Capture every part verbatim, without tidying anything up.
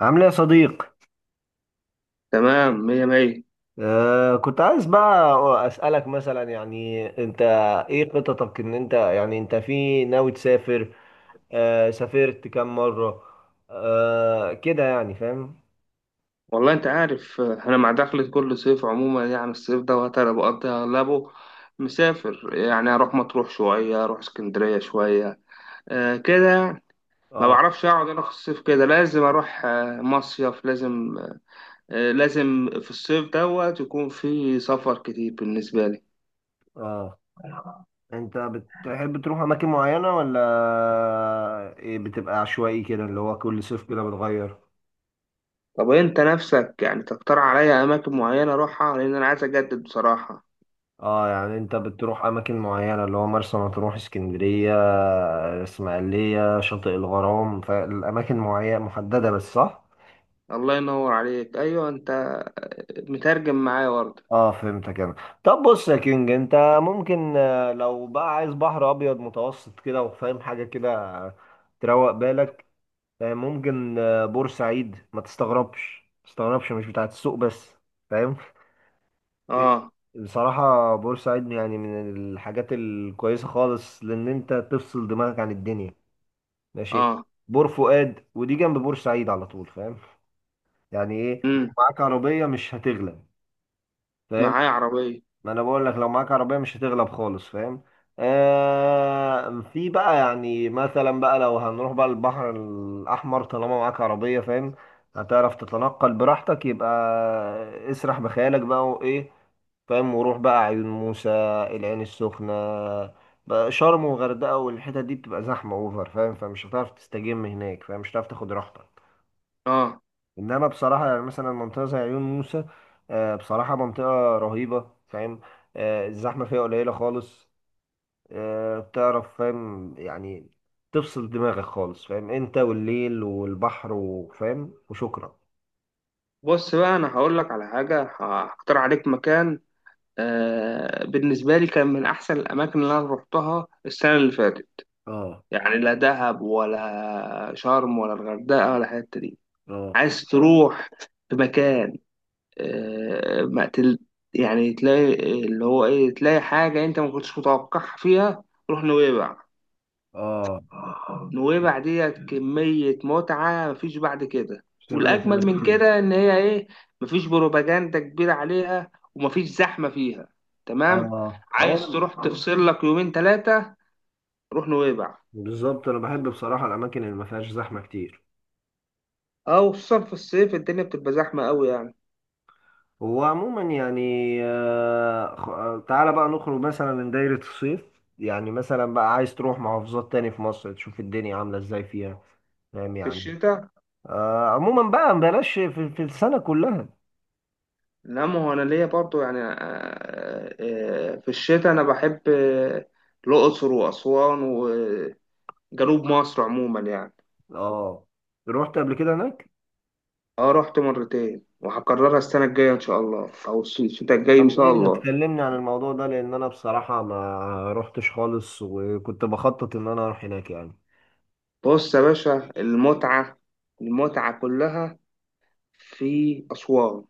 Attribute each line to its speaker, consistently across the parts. Speaker 1: عامل ايه يا صديق؟
Speaker 2: تمام، مية مية.
Speaker 1: آه كنت عايز بقى اسالك، مثلا يعني انت ايه خططك، ان انت يعني انت في ناوي تسافر؟ آه سافرت كام مره؟ آه كده، يعني فاهم.
Speaker 2: والله انت عارف، آه، انا مع دخلة كل صيف عموما، يعني الصيف دوت انا بقضي اغلبه مسافر، يعني اروح مطروح شوية، اروح اسكندرية شوية. آه كده. ما
Speaker 1: اه.
Speaker 2: بعرفش اقعد انا في الصيف، كده لازم اروح آه مصيف لازم. آه لازم في الصيف دوت يكون في سفر كتير بالنسبة لي.
Speaker 1: اه، انت بتحب تروح اماكن معينه ولا إيه؟ بتبقى عشوائي كده، اللي هو كل صيف كده بتغير؟
Speaker 2: طب انت نفسك يعني تقترح عليا اماكن معينة اروحها، لان انا عايز اجدد بصراحة.
Speaker 1: اه، يعني انت بتروح اماكن معينه، اللي هو مرسى مطروح، اسكندريه، آه، اسماعيليه، شاطئ الغرام، فالاماكن معينه محدده بس، صح؟
Speaker 2: الله ينور عليك، ايوه انت مترجم معايا برضه.
Speaker 1: اه فهمتك انا. طب بص يا كينج، انت ممكن، آه، لو بقى عايز بحر ابيض متوسط كده، وفاهم حاجه كده، آه، تروق بالك، آه، ممكن، آه، بورسعيد، ما تستغربش ما تستغربش، مش بتاعت السوق بس، فاهم؟
Speaker 2: اه.
Speaker 1: بصراحه بورسعيد يعني من الحاجات الكويسه خالص، لان انت تفصل دماغك عن الدنيا، ماشي؟
Speaker 2: اه،
Speaker 1: بور فؤاد، ودي جنب بورسعيد على طول، فاهم؟ يعني ايه، لو معاك عربيه مش هتغلب، فاهم؟
Speaker 2: معايا عربية.
Speaker 1: ما انا بقول لك لو معاك عربيه مش هتغلب خالص، فاهم؟ آه في بقى يعني، مثلا بقى لو هنروح بقى البحر الاحمر، طالما معاك عربيه فاهم، هتعرف تتنقل براحتك. يبقى اسرح بخيالك بقى وايه، فاهم، وروح بقى عيون موسى، العين السخنه بقى، شرم، وغردقه، والحتت دي بتبقى زحمه اوفر، فاهم؟ فمش هتعرف تستجم هناك، فاهم، مش هتعرف تاخد راحتك.
Speaker 2: اه،
Speaker 1: انما بصراحه يعني، مثلا منطقه زي عيون موسى، آه، بصراحه منطقه رهيبه، فاهم، آه، الزحمه فيها قليله خالص، آه، بتعرف فاهم، يعني تفصل دماغك خالص، فاهم، انت والليل والبحر، وفاهم، وشكرا.
Speaker 2: بص بقى، انا هقول لك على حاجة، ه- هختار عليك مكان. آه بالنسبة لي كان من احسن الاماكن اللي انا روحتها السنة اللي فاتت،
Speaker 1: اه.
Speaker 2: يعني لا دهب ولا شرم ولا الغردقة ولا الحتة دي.
Speaker 1: اه.
Speaker 2: عايز تروح في مكان، آه ما تل يعني تلاقي، اللي هو ايه، تلاقي حاجة انت ما كنتش متوقعها فيها. روح نويبع.
Speaker 1: اه،
Speaker 2: نويبع ديت كمية متعة مفيش بعد كده.
Speaker 1: سمعت انا
Speaker 2: والأجمل من
Speaker 1: كتير.
Speaker 2: كده إن هي إيه، مفيش بروباجندا كبيرة عليها ومفيش زحمة فيها. تمام.
Speaker 1: اه هو
Speaker 2: عايز
Speaker 1: أنا-
Speaker 2: تروح تفصل لك يومين تلاتة، روح نويبع.
Speaker 1: بالظبط، انا بحب بصراحه الاماكن اللي ما فيهاش زحمه كتير.
Speaker 2: أو خصوصا في الصيف الدنيا بتبقى زحمة أوي يعني.
Speaker 1: هو عموما يعني، آه، خ- آه، تعالى بقى نخرج مثلا من دايرة الصيف، يعني مثلا بقى عايز تروح محافظات تاني في مصر تشوف الدنيا عاملة ازاي فيها، فاهم
Speaker 2: في
Speaker 1: يعني؟
Speaker 2: الشتاء.
Speaker 1: آه عموما بقى بلاش، في, في السنة كلها.
Speaker 2: لا، ما هو أنا ليا برضو يعني، آه، آه، في الشتاء أنا بحب آه، الأقصر وأسوان وجنوب مصر عموما يعني.
Speaker 1: اه، رحت قبل كده هناك؟
Speaker 2: اه، رحت مرتين، وهكررها السنة الجاية إن شاء الله، أو الص- الشتاء الجاي إن
Speaker 1: طب
Speaker 2: شاء
Speaker 1: ايه، ما
Speaker 2: الله.
Speaker 1: تكلمني عن الموضوع ده؟ لان انا بصراحة ما رحتش خالص، وكنت بخطط ان انا اروح هناك يعني.
Speaker 2: بص يا باشا، المتعة، المتعة كلها في أسوان،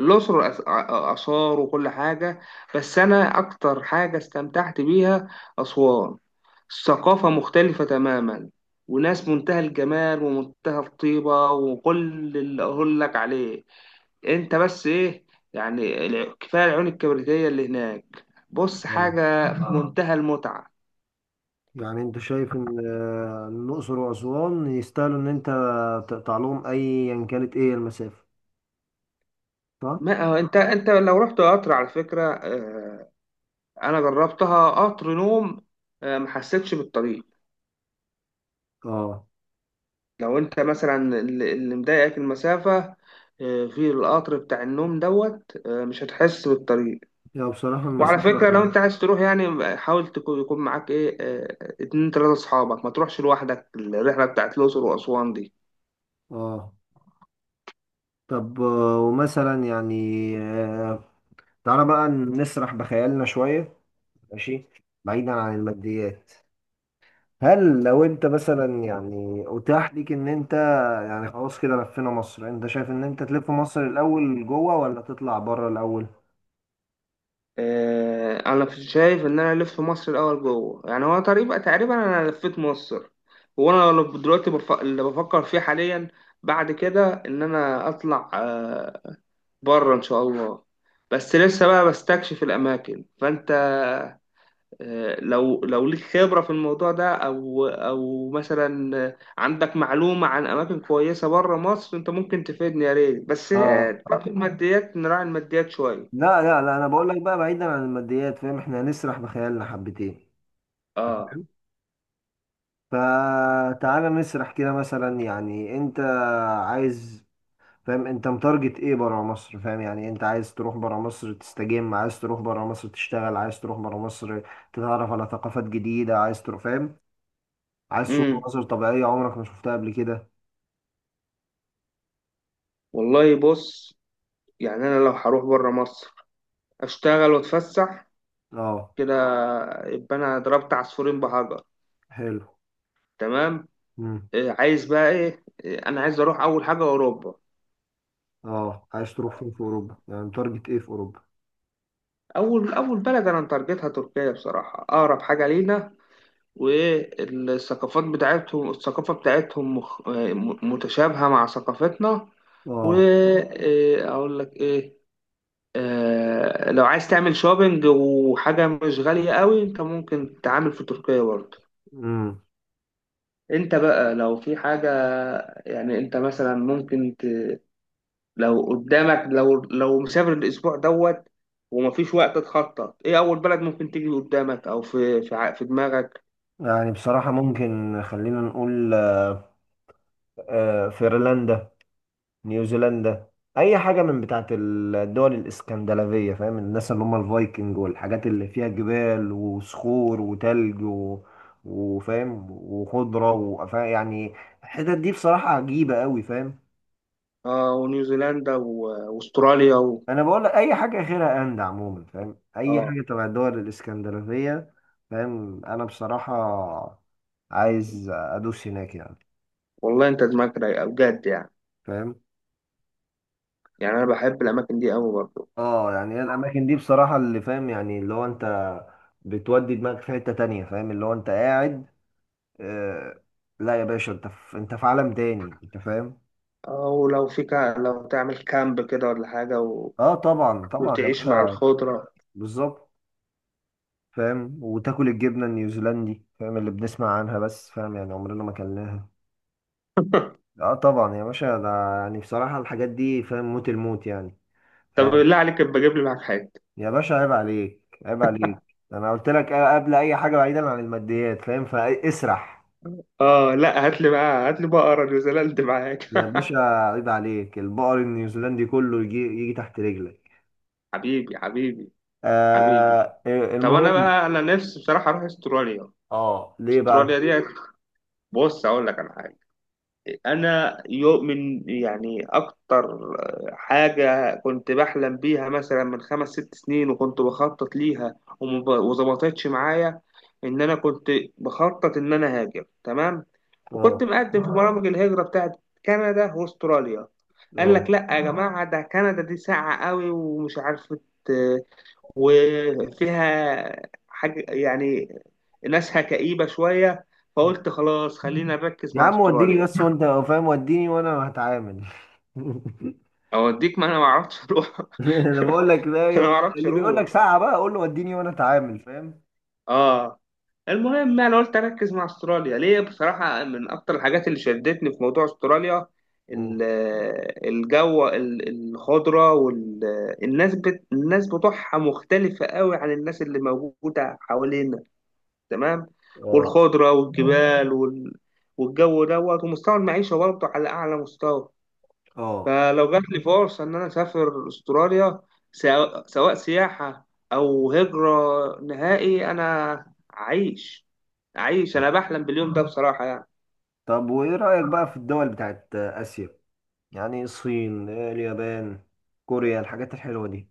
Speaker 2: الأقصر، وأس- آ- آثار وكل حاجة. بس أنا أكتر حاجة استمتعت بيها أسوان. الثقافة مختلفة تماما، وناس منتهى الجمال ومنتهى الطيبة، وكل اللي أقول لك عليه، انت بس ايه، يعني الع- كفايه العيون الكبريتيه اللي هناك. بص
Speaker 1: آه.
Speaker 2: حاجه في آه. منتهى المتعه.
Speaker 1: يعني انت شايف ان آه، الاقصر واسوان يستاهلوا ان انت تقطع لهم ايا كانت ايه المسافة، صح؟
Speaker 2: ما هو انت، انت لو رحت قطر على فكره، اه، انا جربتها قطر نوم، اه، ما حسيتش بالطريق.
Speaker 1: اه.
Speaker 2: لو انت مثلا اللي اللي مضايقك المسافه، اه، في القطر بتاع النوم دوت اه مش هتحس بالطريق.
Speaker 1: يا بصراحة
Speaker 2: وعلى فكره
Speaker 1: المسافة.
Speaker 2: لو انت عايز تروح، يعني حاول تكون، يكون معاك ايه، اه، اتنين تلاته اصحابك، ما تروحش لوحدك الرحله بتاعت الاقصر واسوان دي.
Speaker 1: اه. طب آه، ومثلا يعني، آه، تعالى بقى نسرح بخيالنا شوية، ماشي، بعيدا عن الماديات. هل لو انت مثلا يعني اتاح ليك ان انت يعني خلاص كده لفينا مصر، انت شايف ان انت تلف مصر الاول جوه، ولا تطلع بره الاول؟
Speaker 2: آه، انا شايف ان انا الف مصر الاول جوه، يعني هو تقريبا تقريبا انا لفيت مصر. وانا لو دلوقتي بف... اللي بفكر فيه حاليا بعد كده ان انا اطلع آه، بره ان شاء الله. بس لسه بقى بستكشف الاماكن، فانت آه، لو لو ليك خبرة في الموضوع ده، او او مثلا آه، عندك معلومة عن اماكن كويسة بره مصر، انت ممكن تفيدني يا ريت، بس آه،
Speaker 1: اه.
Speaker 2: تكون الماديات نراعي الماديات شوية.
Speaker 1: لا لا لا، انا بقول لك بقى بعيدا عن الماديات فاهم، احنا هنسرح بخيالنا حبتين.
Speaker 2: اه.
Speaker 1: فتعالى نسرح كده، مثلا يعني انت عايز، فاهم، انت متارجت ايه برا مصر؟ فاهم يعني، انت عايز تروح برا مصر تستجم، عايز تروح برا مصر تشتغل، عايز تروح برا مصر تتعرف على ثقافات جديدة، عايز تروح فاهم، عايز تشوف
Speaker 2: امم
Speaker 1: مناظر طبيعية عمرك ما شفتها قبل كده.
Speaker 2: والله بص، يعني انا لو هروح بره مصر اشتغل واتفسح
Speaker 1: اه.
Speaker 2: كده، يبقى انا ضربت عصفورين بحجر.
Speaker 1: حلو.
Speaker 2: تمام.
Speaker 1: امم
Speaker 2: إيه، عايز بقى ايه، إيه، انا عايز اروح اول حاجه اوروبا.
Speaker 1: اه، عايز تروح فين في اوروبا؟ يعني متارجت ايه في اوروبا؟
Speaker 2: اول اول بلد انا متارجتها تركيا بصراحه، اقرب حاجه لينا. والثقافات بتاعتهم، الثقافه بتاعتهم مخ... م- متشابهه مع ثقافتنا.
Speaker 1: اه.
Speaker 2: واقول لك ايه، آه، لو عايز تعمل شوبينج وحاجه مش غاليه قوي، انت ممكن تتعامل في تركيا برضه.
Speaker 1: امم
Speaker 2: انت بقى لو في حاجة، يعني انت مثلا ممكن ت... لو قدامك، لو لو مسافر الاسبوع دوت، ومفيش وقت تخطط ايه اول بلد ممكن تيجي قدامك، او في في ع- في دماغك.
Speaker 1: يعني بصراحة ممكن، خلينا نقول آه، آه، فنلندا، نيوزيلندا، اي حاجه من بتاعه الدول الاسكندنافيه، فاهم، الناس اللي هم الفايكنج، والحاجات اللي فيها جبال وصخور وتلج، و... وفاهم، وخضره وفا، يعني الحتت دي بصراحه عجيبه قوي، فاهم.
Speaker 2: اه، ونيوزيلندا و- واستراليا و...
Speaker 1: انا بقول لك اي حاجه غيرها اند، عموما فاهم اي
Speaker 2: اه،
Speaker 1: حاجه تبع الدول الاسكندنافيه، فاهم. انا بصراحه عايز ادوس هناك يعني،
Speaker 2: والله انت دماغك رايقة بجد يعني.
Speaker 1: فاهم.
Speaker 2: يعني انا بحب الاماكن دي قوي برضو.
Speaker 1: اه، يعني هي الاماكن دي بصراحه اللي فاهم، يعني اللي هو انت بتودي دماغك في حته تانية، فاهم، اللي هو انت قاعد، آه، لا يا باشا، انت في انت في عالم تاني، انت فاهم.
Speaker 2: او لو في كا... لو تعمل كامب كده ولا حاجة و...
Speaker 1: اه طبعا طبعا يا
Speaker 2: وتعيش مع
Speaker 1: باشا.
Speaker 2: الخضرة.
Speaker 1: بالظبط، فاهم، وتاكل الجبنه النيوزيلندي، فاهم، اللي بنسمع عنها بس، فاهم يعني عمرنا ما اكلناها. اه طبعا يا باشا، ده يعني بصراحه الحاجات دي فاهم موت الموت يعني،
Speaker 2: طب
Speaker 1: فاهم.
Speaker 2: بالله عليك، ابقى جيب لي معاك حاجة.
Speaker 1: يا باشا عيب عليك، عيب عليك، انا قلت لك قبل اي حاجه بعيدا عن الماديات، فاهم فاسرح.
Speaker 2: اه لا، هات لي بقى، هات لي بقرة نيوزيلندا معاك
Speaker 1: يا باشا عيب عليك، البقر النيوزيلندي كله يجي يجي تحت رجلك.
Speaker 2: حبيبي، حبيبي، حبيبي.
Speaker 1: آه آه،
Speaker 2: طب انا
Speaker 1: المهم.
Speaker 2: بقى، انا نفسي بصراحه اروح استراليا.
Speaker 1: اه ليه بقى؟
Speaker 2: استراليا دي، بص اقول لك على حاجه. انا يؤمن يعني اكتر، آه، حاجه كنت بحلم بيها مثلا من خمس ست سنين، وكنت بخطط ليها وما ب- وظبطتش معايا. ان انا كنت بخطط ان انا هاجر، تمام.
Speaker 1: اه.
Speaker 2: وكنت مقدم في برامج الهجره بتاعت كندا واستراليا. قال لك
Speaker 1: اه،
Speaker 2: لا يا جماعه، ده كندا دي ساقعه قوي ومش عارفه، آه، وفيها حاجة يعني، ناسها كئيبة شوية. فقلت خلاص خلينا نركز
Speaker 1: يا
Speaker 2: مع
Speaker 1: عم وديني
Speaker 2: استراليا.
Speaker 1: بس، وانت فاهم وديني وانا هتعامل.
Speaker 2: اوديك، ما انا ما اعرفش اروح
Speaker 1: انا بقول لك بقى،
Speaker 2: انا ما اعرفش
Speaker 1: اللي بيقول لك
Speaker 2: اروح.
Speaker 1: ساعة بقى قول له وديني وانا اتعامل، فاهم.
Speaker 2: اه. المهم انا قلت اركز مع استراليا ليه بصراحه، من اكتر الحاجات اللي شدتني في موضوع استراليا،
Speaker 1: مم.
Speaker 2: ال- الجو، ال- الخضره، والناس بت... الناس بتوعها مختلفه قوي عن الناس اللي موجوده حوالينا. تمام.
Speaker 1: اه.
Speaker 2: والخضرة والجبال، وال... والجو دوت، ومستوى المعيشة برضه على أعلى مستوى.
Speaker 1: اه.
Speaker 2: فلو جات لي فرصة إن أنا أسافر أستراليا، سواء سواء سياحة أو هجرة نهائي، أنا أعيش. أعيش،
Speaker 1: اه
Speaker 2: أنا بحلم باليوم ده بصراحة يعني.
Speaker 1: طب وايه رأيك بقى في الدول بتاعت آسيا؟ يعني الصين، اليابان، كوريا، الحاجات الحلوة دي.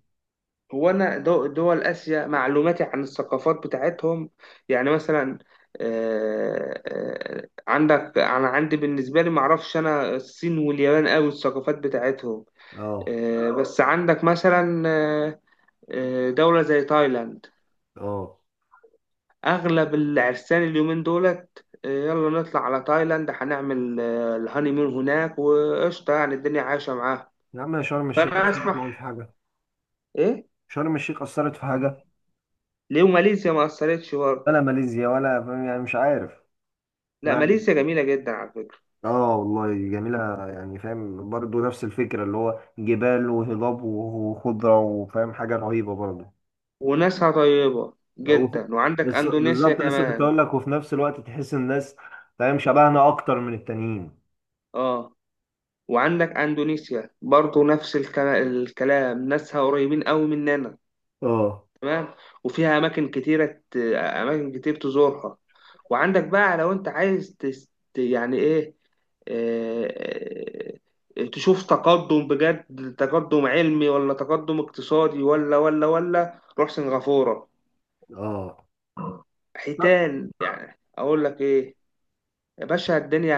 Speaker 2: هو أنا دو- دول آسيا معلوماتي عن الثقافات بتاعتهم، يعني مثلا آه، آه، عندك أنا عندي بالنسبة لي، معرفش أنا الصين واليابان أوي الثقافات بتاعتهم.
Speaker 1: اه.
Speaker 2: آه، بس عندك مثلا آه، آه، دولة زي تايلاند.
Speaker 1: اه،
Speaker 2: أغلب العرسان اليومين دولت آه، يلا نطلع على تايلاند، هنعمل آه، الهانيمون هناك، وقشطة يعني الدنيا عايشة معاها.
Speaker 1: يا عم يا شرم الشيخ
Speaker 2: فأنا
Speaker 1: أثرت
Speaker 2: أسمع
Speaker 1: معاهم في حاجة؟
Speaker 2: إيه.
Speaker 1: شرم الشيخ أثرت في حاجة؟
Speaker 2: ليه ماليزيا ما أثرتش برضه؟
Speaker 1: ولا ماليزيا ولا، فاهم يعني مش عارف. ما
Speaker 2: لا،
Speaker 1: عليك.
Speaker 2: ماليزيا جميلة جدا على فكرة.
Speaker 1: اه والله جميلة يعني، فاهم، برضه نفس الفكرة، اللي هو جبال وهضاب وخضرة، وفاهم حاجة رهيبة برضه.
Speaker 2: وناسها طيبة
Speaker 1: لو-
Speaker 2: جدا، وعندك
Speaker 1: بس
Speaker 2: أندونيسيا
Speaker 1: بالظبط، لسه كنت
Speaker 2: كمان.
Speaker 1: أقول لك، وفي نفس الوقت تحس الناس فاهم شبهنا أكتر من التانيين.
Speaker 2: آه. وعندك أندونيسيا برضه نفس الكلا- الكلام، ناسها قريبين قوي مننا.
Speaker 1: اه.
Speaker 2: تمام. وفيها اماكن كتيره ت- اماكن كتير تزورها. وعندك بقى لو انت عايز تس... يعني ايه، آه، آه، تشوف تقدم بجد، تقدم علمي ولا تقدم اقتصادي، ولا ولا ولا روح سنغافورة.
Speaker 1: اه.
Speaker 2: حيتان، يعني اقول لك ايه، يا باشا الدنيا،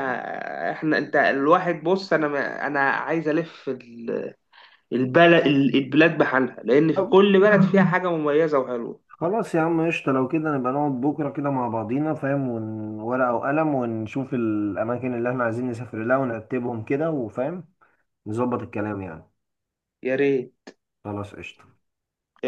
Speaker 2: احنا، انت، الواحد، بص انا ما- انا عايز الف ال- البلد البلاد بحالها، لان في
Speaker 1: لا
Speaker 2: كل بلد فيها حاجة مميزة وحلوة.
Speaker 1: خلاص يا عم قشطة، لو كده نبقى نقعد بكرة كده مع بعضينا، فاهم، وورقة وقلم، ونشوف الأماكن اللي احنا عايزين نسافر لها، ونرتبهم كده، وفاهم نظبط الكلام يعني.
Speaker 2: يا ريت.
Speaker 1: خلاص قشطة.